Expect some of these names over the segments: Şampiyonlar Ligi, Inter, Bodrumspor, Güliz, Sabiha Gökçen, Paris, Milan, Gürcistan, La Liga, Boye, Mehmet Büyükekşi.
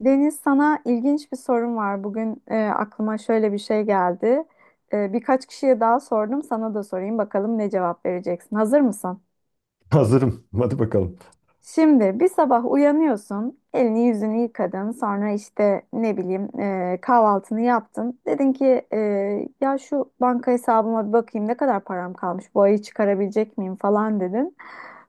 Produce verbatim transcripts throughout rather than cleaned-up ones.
Deniz sana ilginç bir sorum var. Bugün e, aklıma şöyle bir şey geldi. E, birkaç kişiye daha sordum. Sana da sorayım bakalım ne cevap vereceksin. Hazır mısın? Hazırım. Hadi bakalım. Şimdi bir sabah uyanıyorsun, elini yüzünü yıkadın, sonra işte ne bileyim e, kahvaltını yaptın. Dedin ki e, ya şu banka hesabıma bir bakayım ne kadar param kalmış, bu ayı çıkarabilecek miyim falan dedin.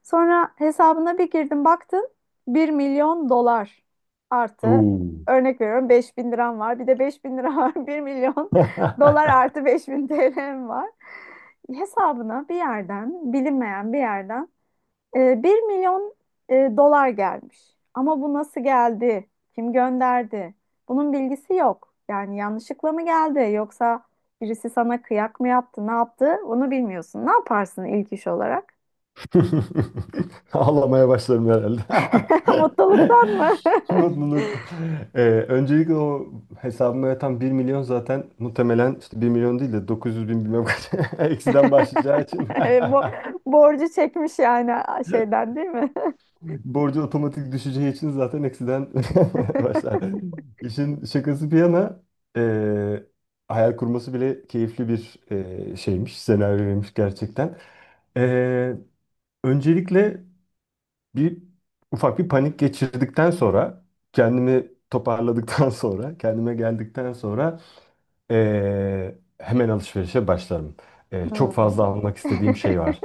Sonra hesabına bir girdim baktım bir milyon dolar artı Oo. örnek veriyorum beş bin liram var bir de beş bin lira var bir milyon dolar artı beş bin T L'm var. Hesabına bir yerden bilinmeyen bir yerden e, bir milyon e, dolar gelmiş. Ama bu nasıl geldi? Kim gönderdi? Bunun bilgisi yok. Yani yanlışlıkla mı geldi yoksa birisi sana kıyak mı yaptı, ne yaptı? Onu bilmiyorsun. Ne yaparsın ilk iş olarak? Ağlamaya başlarım herhalde. Mutluluktan mı? Mutluluktan. Ee, öncelikle o hesabıma yatan bir milyon zaten muhtemelen işte 1 milyon değil de 900 bin bilmem kaç, eksiden başlayacağı için, Bo borcu çekmiş yani şeyden değil mi? borcu otomatik düşeceği için zaten eksiden başlar. İşin şakası bir yana, ee, hayal kurması bile keyifli bir ee, şeymiş, senaryoymuş gerçekten. Ee, Öncelikle bir ufak bir panik geçirdikten sonra, kendimi toparladıktan sonra, kendime geldikten sonra eee, hemen alışverişe başlarım. Eee, çok Hmm. fazla almak istediğim şey var.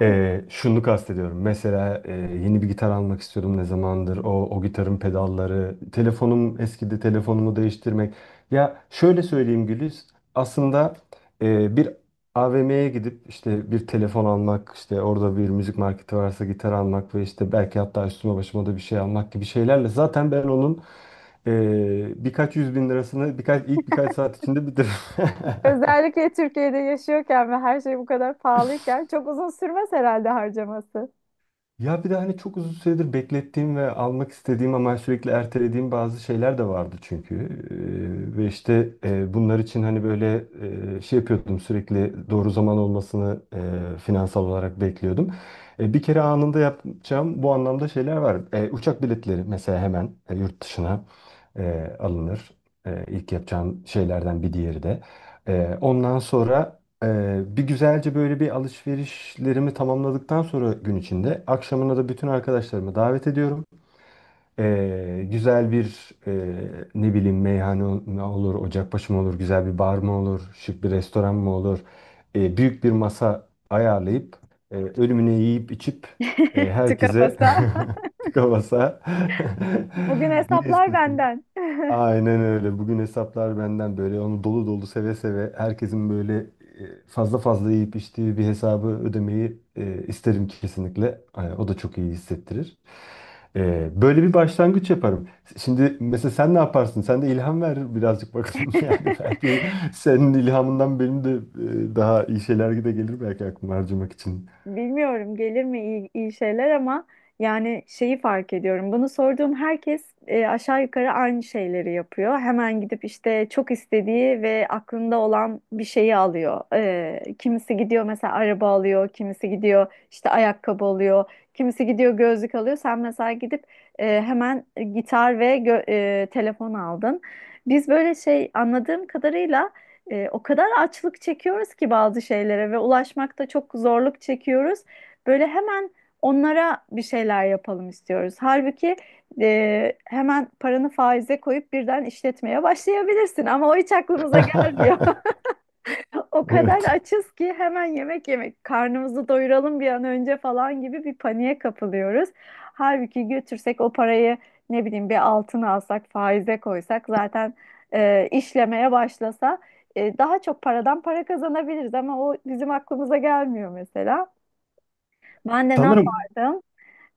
Ee, şunu kastediyorum. Mesela e, yeni bir gitar almak istiyordum ne zamandır. O, o gitarın pedalları, telefonum eskidi, telefonumu değiştirmek. Ya şöyle söyleyeyim Güliz. Aslında e, bir A V M'ye gidip işte bir telefon almak, işte orada bir müzik marketi varsa gitar almak ve işte belki hatta üstüme başıma da bir şey almak gibi şeylerle zaten ben onun e, birkaç yüz bin lirasını birkaç ilk birkaç saat içinde bitiririm. Özellikle Türkiye'de yaşıyorken ve her şey bu kadar pahalıyken çok uzun sürmez herhalde harcaması. Ya bir de hani çok uzun süredir beklettiğim ve almak istediğim ama sürekli ertelediğim bazı şeyler de vardı çünkü. Ee, ve işte e, bunlar için hani böyle e, şey yapıyordum, sürekli doğru zaman olmasını e, finansal olarak bekliyordum. E, bir kere anında yapacağım bu anlamda şeyler var. E, uçak biletleri mesela, hemen e, yurt dışına e, alınır. E, ilk yapacağım şeylerden bir diğeri de. E, ondan sonra ee, bir güzelce böyle bir alışverişlerimi tamamladıktan sonra, gün içinde akşamına da bütün arkadaşlarımı davet ediyorum. Ee, güzel bir, e, ne bileyim, meyhane ol- olur, ocakbaşı mı olur, güzel bir bar mı olur, şık bir restoran mı olur, Ee, büyük bir masa ayarlayıp e, ölümüne yiyip içip e, Tıka herkese tıka basa Bugün ne hesaplar istiyorsun? benden. Aynen öyle. Bugün hesaplar benden, böyle onu dolu dolu, seve seve, herkesin böyle e, fazla fazla yiyip içtiği bir hesabı ödemeyi e, isterim kesinlikle. Hani o da çok iyi hissettirir. E, böyle bir başlangıç yaparım. Şimdi mesela sen ne yaparsın? Sen de ilham ver birazcık bakalım. Yani belki senin ilhamından benim de e, daha iyi şeyler de gelir belki aklıma harcamak için. Bilmiyorum gelir mi iyi, iyi şeyler ama yani şeyi fark ediyorum. Bunu sorduğum herkes e, aşağı yukarı aynı şeyleri yapıyor. Hemen gidip işte çok istediği ve aklında olan bir şeyi alıyor. E, kimisi gidiyor mesela araba alıyor, kimisi gidiyor işte ayakkabı alıyor, kimisi gidiyor gözlük alıyor. Sen mesela gidip e, hemen gitar ve gö- e, telefon aldın. Biz böyle şey anladığım kadarıyla. E, o kadar açlık çekiyoruz ki bazı şeylere ve ulaşmakta çok zorluk çekiyoruz. Böyle hemen onlara bir şeyler yapalım istiyoruz. Halbuki e, hemen paranı faize koyup birden işletmeye başlayabilirsin ama o hiç aklımıza gelmiyor. O kadar Evet. açız ki hemen yemek yemek, karnımızı doyuralım bir an önce falan gibi bir paniğe kapılıyoruz. Halbuki götürsek o parayı ne bileyim bir altın alsak, faize koysak zaten e, işlemeye başlasa e, daha çok paradan para kazanabiliriz ama o bizim aklımıza gelmiyor mesela. Ben de ne Sanırım. yapardım?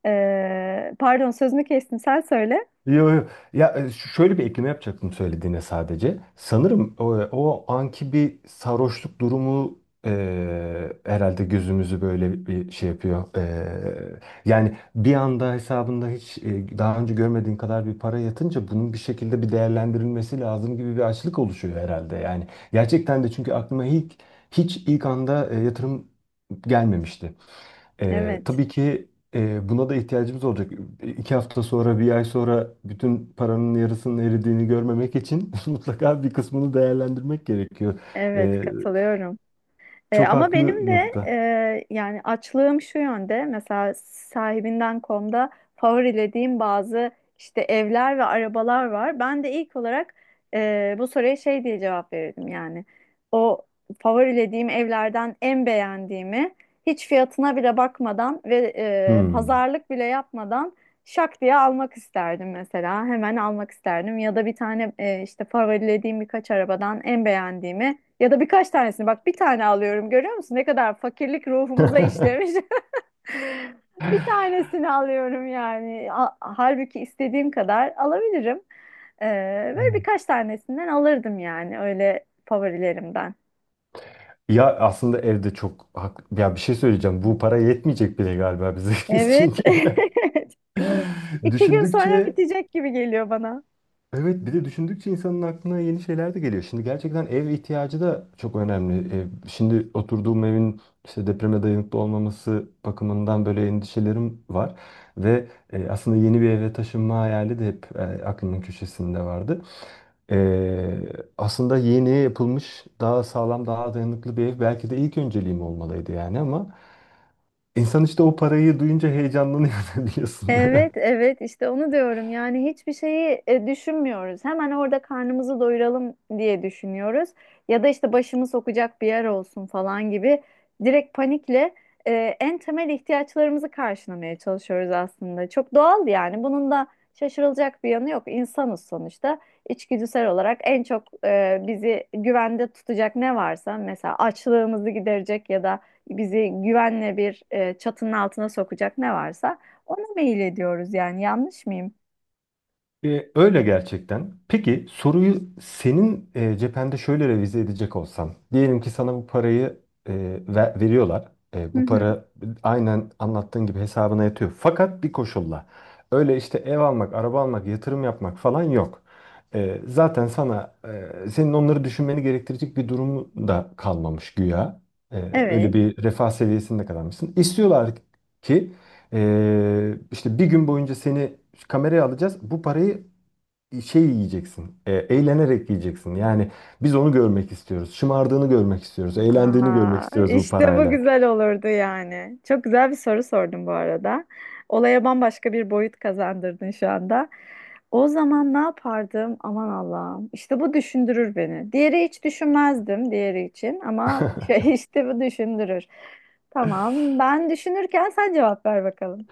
E, pardon sözünü kestim sen söyle. Yo, yo. Ya e, ş- şöyle bir ekleme yapacaktım söylediğine sadece. Sanırım o, o anki bir sarhoşluk durumu e, herhalde gözümüzü böyle bir şey yapıyor. E, yani bir anda hesabında hiç e, daha önce görmediğin kadar bir para yatınca, bunun bir şekilde bir değerlendirilmesi lazım gibi bir açlık oluşuyor herhalde. Yani gerçekten de çünkü aklıma ilk hiç ilk anda e, yatırım gelmemişti. Ee, Evet, Tabii ki e, buna da ihtiyacımız olacak. E, İki hafta sonra, bir ay sonra bütün paranın yarısının eridiğini görmemek için mutlaka bir kısmını değerlendirmek gerekiyor. evet Ee, katılıyorum. E, çok Ama haklı benim de e, nokta. yani açlığım şu yönde mesela sahibinden komda favorilediğim bazı işte evler ve arabalar var. Ben de ilk olarak e, bu soruya şey diye cevap verirdim yani o favorilediğim evlerden en beğendiğimi hiç fiyatına bile bakmadan ve e, Hmm. pazarlık bile yapmadan şak diye almak isterdim mesela hemen almak isterdim ya da bir tane e, işte favorilediğim birkaç arabadan en beğendiğimi ya da birkaç tanesini bak bir tane alıyorum görüyor musun? Ne kadar fakirlik ruhumuza işlemiş. Bir tanesini alıyorum yani. A- Halbuki istediğim kadar alabilirim. Ee, Böyle Evet. birkaç tanesinden alırdım yani öyle favorilerimden. Ya aslında evde çok haklı. Ya bir şey söyleyeceğim. Bu para yetmeyecek bile galiba bize. Evet. Çünkü İki gün sonra düşündükçe, bitecek gibi geliyor bana. evet, bir de düşündükçe insanın aklına yeni şeyler de geliyor. Şimdi gerçekten ev ihtiyacı da çok önemli. Ev, şimdi oturduğum evin işte depreme dayanıklı olmaması bakımından böyle endişelerim var. Ve e, aslında yeni bir eve taşınma hayali de hep e, aklımın köşesinde vardı. E, Aslında yeni yapılmış, daha sağlam, daha dayanıklı bir ev belki de ilk önceliğim olmalıydı yani, ama insan işte o parayı duyunca heyecanlanıyor biliyorsun. Evet, evet işte onu diyorum. Yani hiçbir şeyi e, düşünmüyoruz. Hemen orada karnımızı doyuralım diye düşünüyoruz. Ya da işte başımı sokacak bir yer olsun falan gibi. Direkt panikle e, en temel ihtiyaçlarımızı karşılamaya çalışıyoruz aslında. Çok doğal yani. Bunun da şaşırılacak bir yanı yok. İnsanız sonuçta. İçgüdüsel olarak en çok e, bizi güvende tutacak ne varsa mesela açlığımızı giderecek ya da bizi güvenle bir e, çatının altına sokacak ne varsa ona mail ediyoruz yani yanlış mıyım? E, öyle gerçekten. Peki soruyu senin e, cephende şöyle revize edecek olsam. Diyelim ki sana bu parayı e, ver- veriyorlar. E, Hı Bu hı. para aynen anlattığın gibi hesabına yatıyor. Fakat bir koşulla. Öyle işte ev almak, araba almak, yatırım yapmak falan yok. E, zaten sana e, senin onları düşünmeni gerektirecek bir durumu da kalmamış güya. E, Öyle Evet. bir refah seviyesinde kalmışsın. İstiyorlar ki ee, işte bir gün boyunca seni kameraya alacağız. Bu parayı şey yiyeceksin, e, eğlenerek yiyeceksin. Yani biz onu görmek istiyoruz. Şımardığını görmek istiyoruz. Eğlendiğini görmek Aa, istiyoruz bu işte bu parayla. güzel olurdu yani. Çok güzel bir soru sordun bu arada. Olaya bambaşka bir boyut kazandırdın şu anda. O zaman ne yapardım? Aman Allah'ım. İşte bu düşündürür beni. Diğeri hiç düşünmezdim diğeri için ama şey, işte bu düşündürür. Tamam, ben düşünürken sen cevap ver bakalım.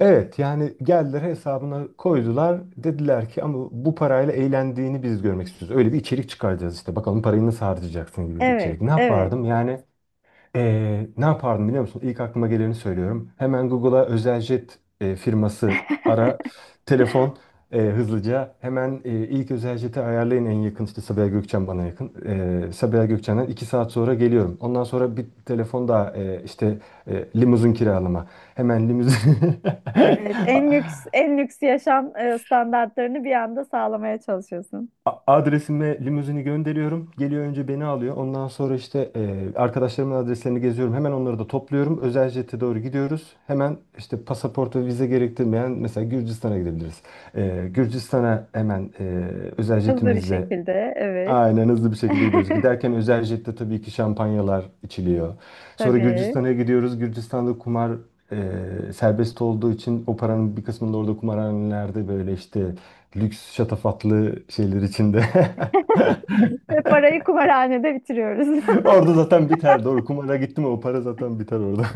Evet, yani geldiler hesabına koydular. Dediler ki ama bu parayla eğlendiğini biz görmek istiyoruz. Öyle bir içerik çıkaracağız işte. Bakalım parayı nasıl harcayacaksın gibi bir Evet, içerik. Ne evet. yapardım? Yani, Ee, ne yapardım biliyor musun? İlk aklıma geleni söylüyorum. Hemen Google'a özel jet e, firması ara. Telefon e, hızlıca. Hemen e, ilk özel jeti ayarlayın en yakın. İşte Sabiha Gökçen bana yakın. E, Sabiha Gökçen'den iki saat sonra geliyorum. Ondan sonra bir telefon daha, e, işte e, limuzin kiralama. Hemen limuzin. Evet, en lüks en lüks yaşam e, standartlarını bir anda sağlamaya çalışıyorsun. A- Adresime limuzini gönderiyorum. Geliyor, önce beni alıyor. Ondan sonra işte e, arkadaşlarımın adreslerini geziyorum. Hemen onları da topluyorum. Özel jete doğru gidiyoruz. Hemen işte pasaport ve vize gerektirmeyen, mesela Gürcistan'a gidebiliriz. E, Gürcistan'a hemen e, özel Hızlı bir jetimizle. şekilde, evet. Aynen, hızlı bir şekilde gidiyoruz. Giderken özel jette tabii ki şampanyalar içiliyor. Sonra Tabii. Gürcistan'a gidiyoruz. Gürcistan'da kumar e, serbest olduğu için, o paranın bir kısmını da orada kumarhanelerde böyle işte lüks şatafatlı şeyler içinde. Ve parayı kumarhanede bitiriyoruz. Orada zaten biter. Doğru, kumara gitti mi o para zaten biter orada.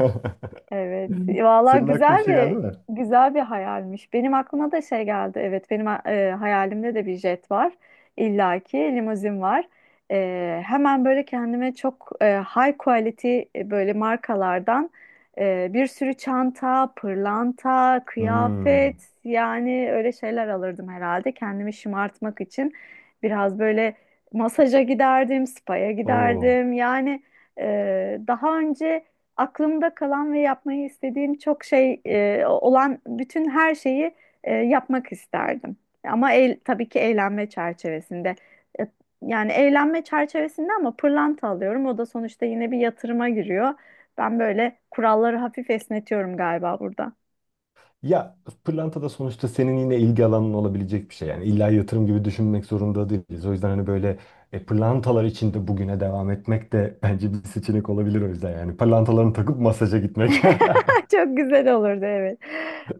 Evet. Valla Senin aklına bir güzel şey geldi bir mi? güzel bir hayalmiş. Benim aklıma da şey geldi. Evet, benim e, hayalimde de bir jet var. İlla ki limuzin var. E, hemen böyle kendime çok e, high quality e, böyle markalardan e, bir sürü çanta, pırlanta, Hmm. kıyafet yani öyle şeyler alırdım herhalde kendimi şımartmak için. Biraz böyle masaja giderdim, spa'ya Oo. giderdim. Yani e, daha önce aklımda kalan ve yapmayı istediğim çok şey e, olan bütün her şeyi e, yapmak isterdim. Ama el, tabii ki eğlenme çerçevesinde. E, Yani eğlenme çerçevesinde ama pırlanta alıyorum. O da sonuçta yine bir yatırıma giriyor. Ben böyle kuralları hafif esnetiyorum galiba burada. Ya pırlanta da sonuçta senin yine ilgi alanın olabilecek bir şey. Yani illa yatırım gibi düşünmek zorunda değiliz. O yüzden hani böyle e, pırlantalar içinde bugüne devam etmek de bence bir seçenek olabilir o yüzden. Yani pırlantalarını takıp masaja gitmek. Çok güzel olurdu evet.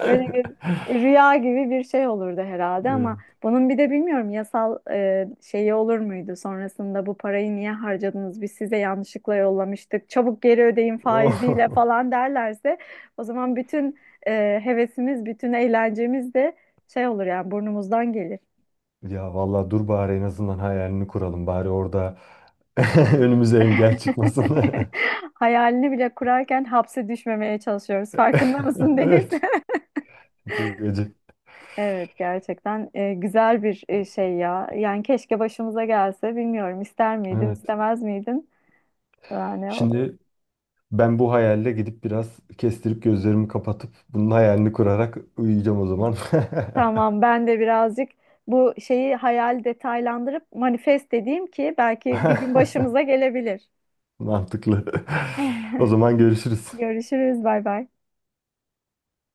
Öyle bir rüya gibi bir şey olurdu herhalde ama Evet. bunun bir de bilmiyorum yasal e, şeyi olur muydu? Sonrasında bu parayı niye harcadınız? Biz size yanlışlıkla yollamıştık. Çabuk geri ödeyin faiziyle Oh. falan derlerse o zaman bütün e, hevesimiz, bütün eğlencemiz de şey olur yani burnumuzdan gelir. Ya vallahi dur, bari en azından hayalini kuralım. Bari orada önümüze engel çıkmasın. Hayalini bile kurarken hapse düşmemeye çalışıyoruz. Farkında mısın Deniz? Evet. Çok acı. Evet gerçekten e, güzel bir e, şey ya. Yani keşke başımıza gelse bilmiyorum ister miydin Evet. istemez miydin? Yani o- Şimdi ben bu hayalle gidip biraz kestirip gözlerimi kapatıp bunun hayalini kurarak uyuyacağım o zaman. tamam ben de birazcık bu şeyi hayal detaylandırıp manifest edeyim ki belki bir gün başımıza gelebilir. Mantıklı. O zaman görüşürüz. Görüşürüz bay bay.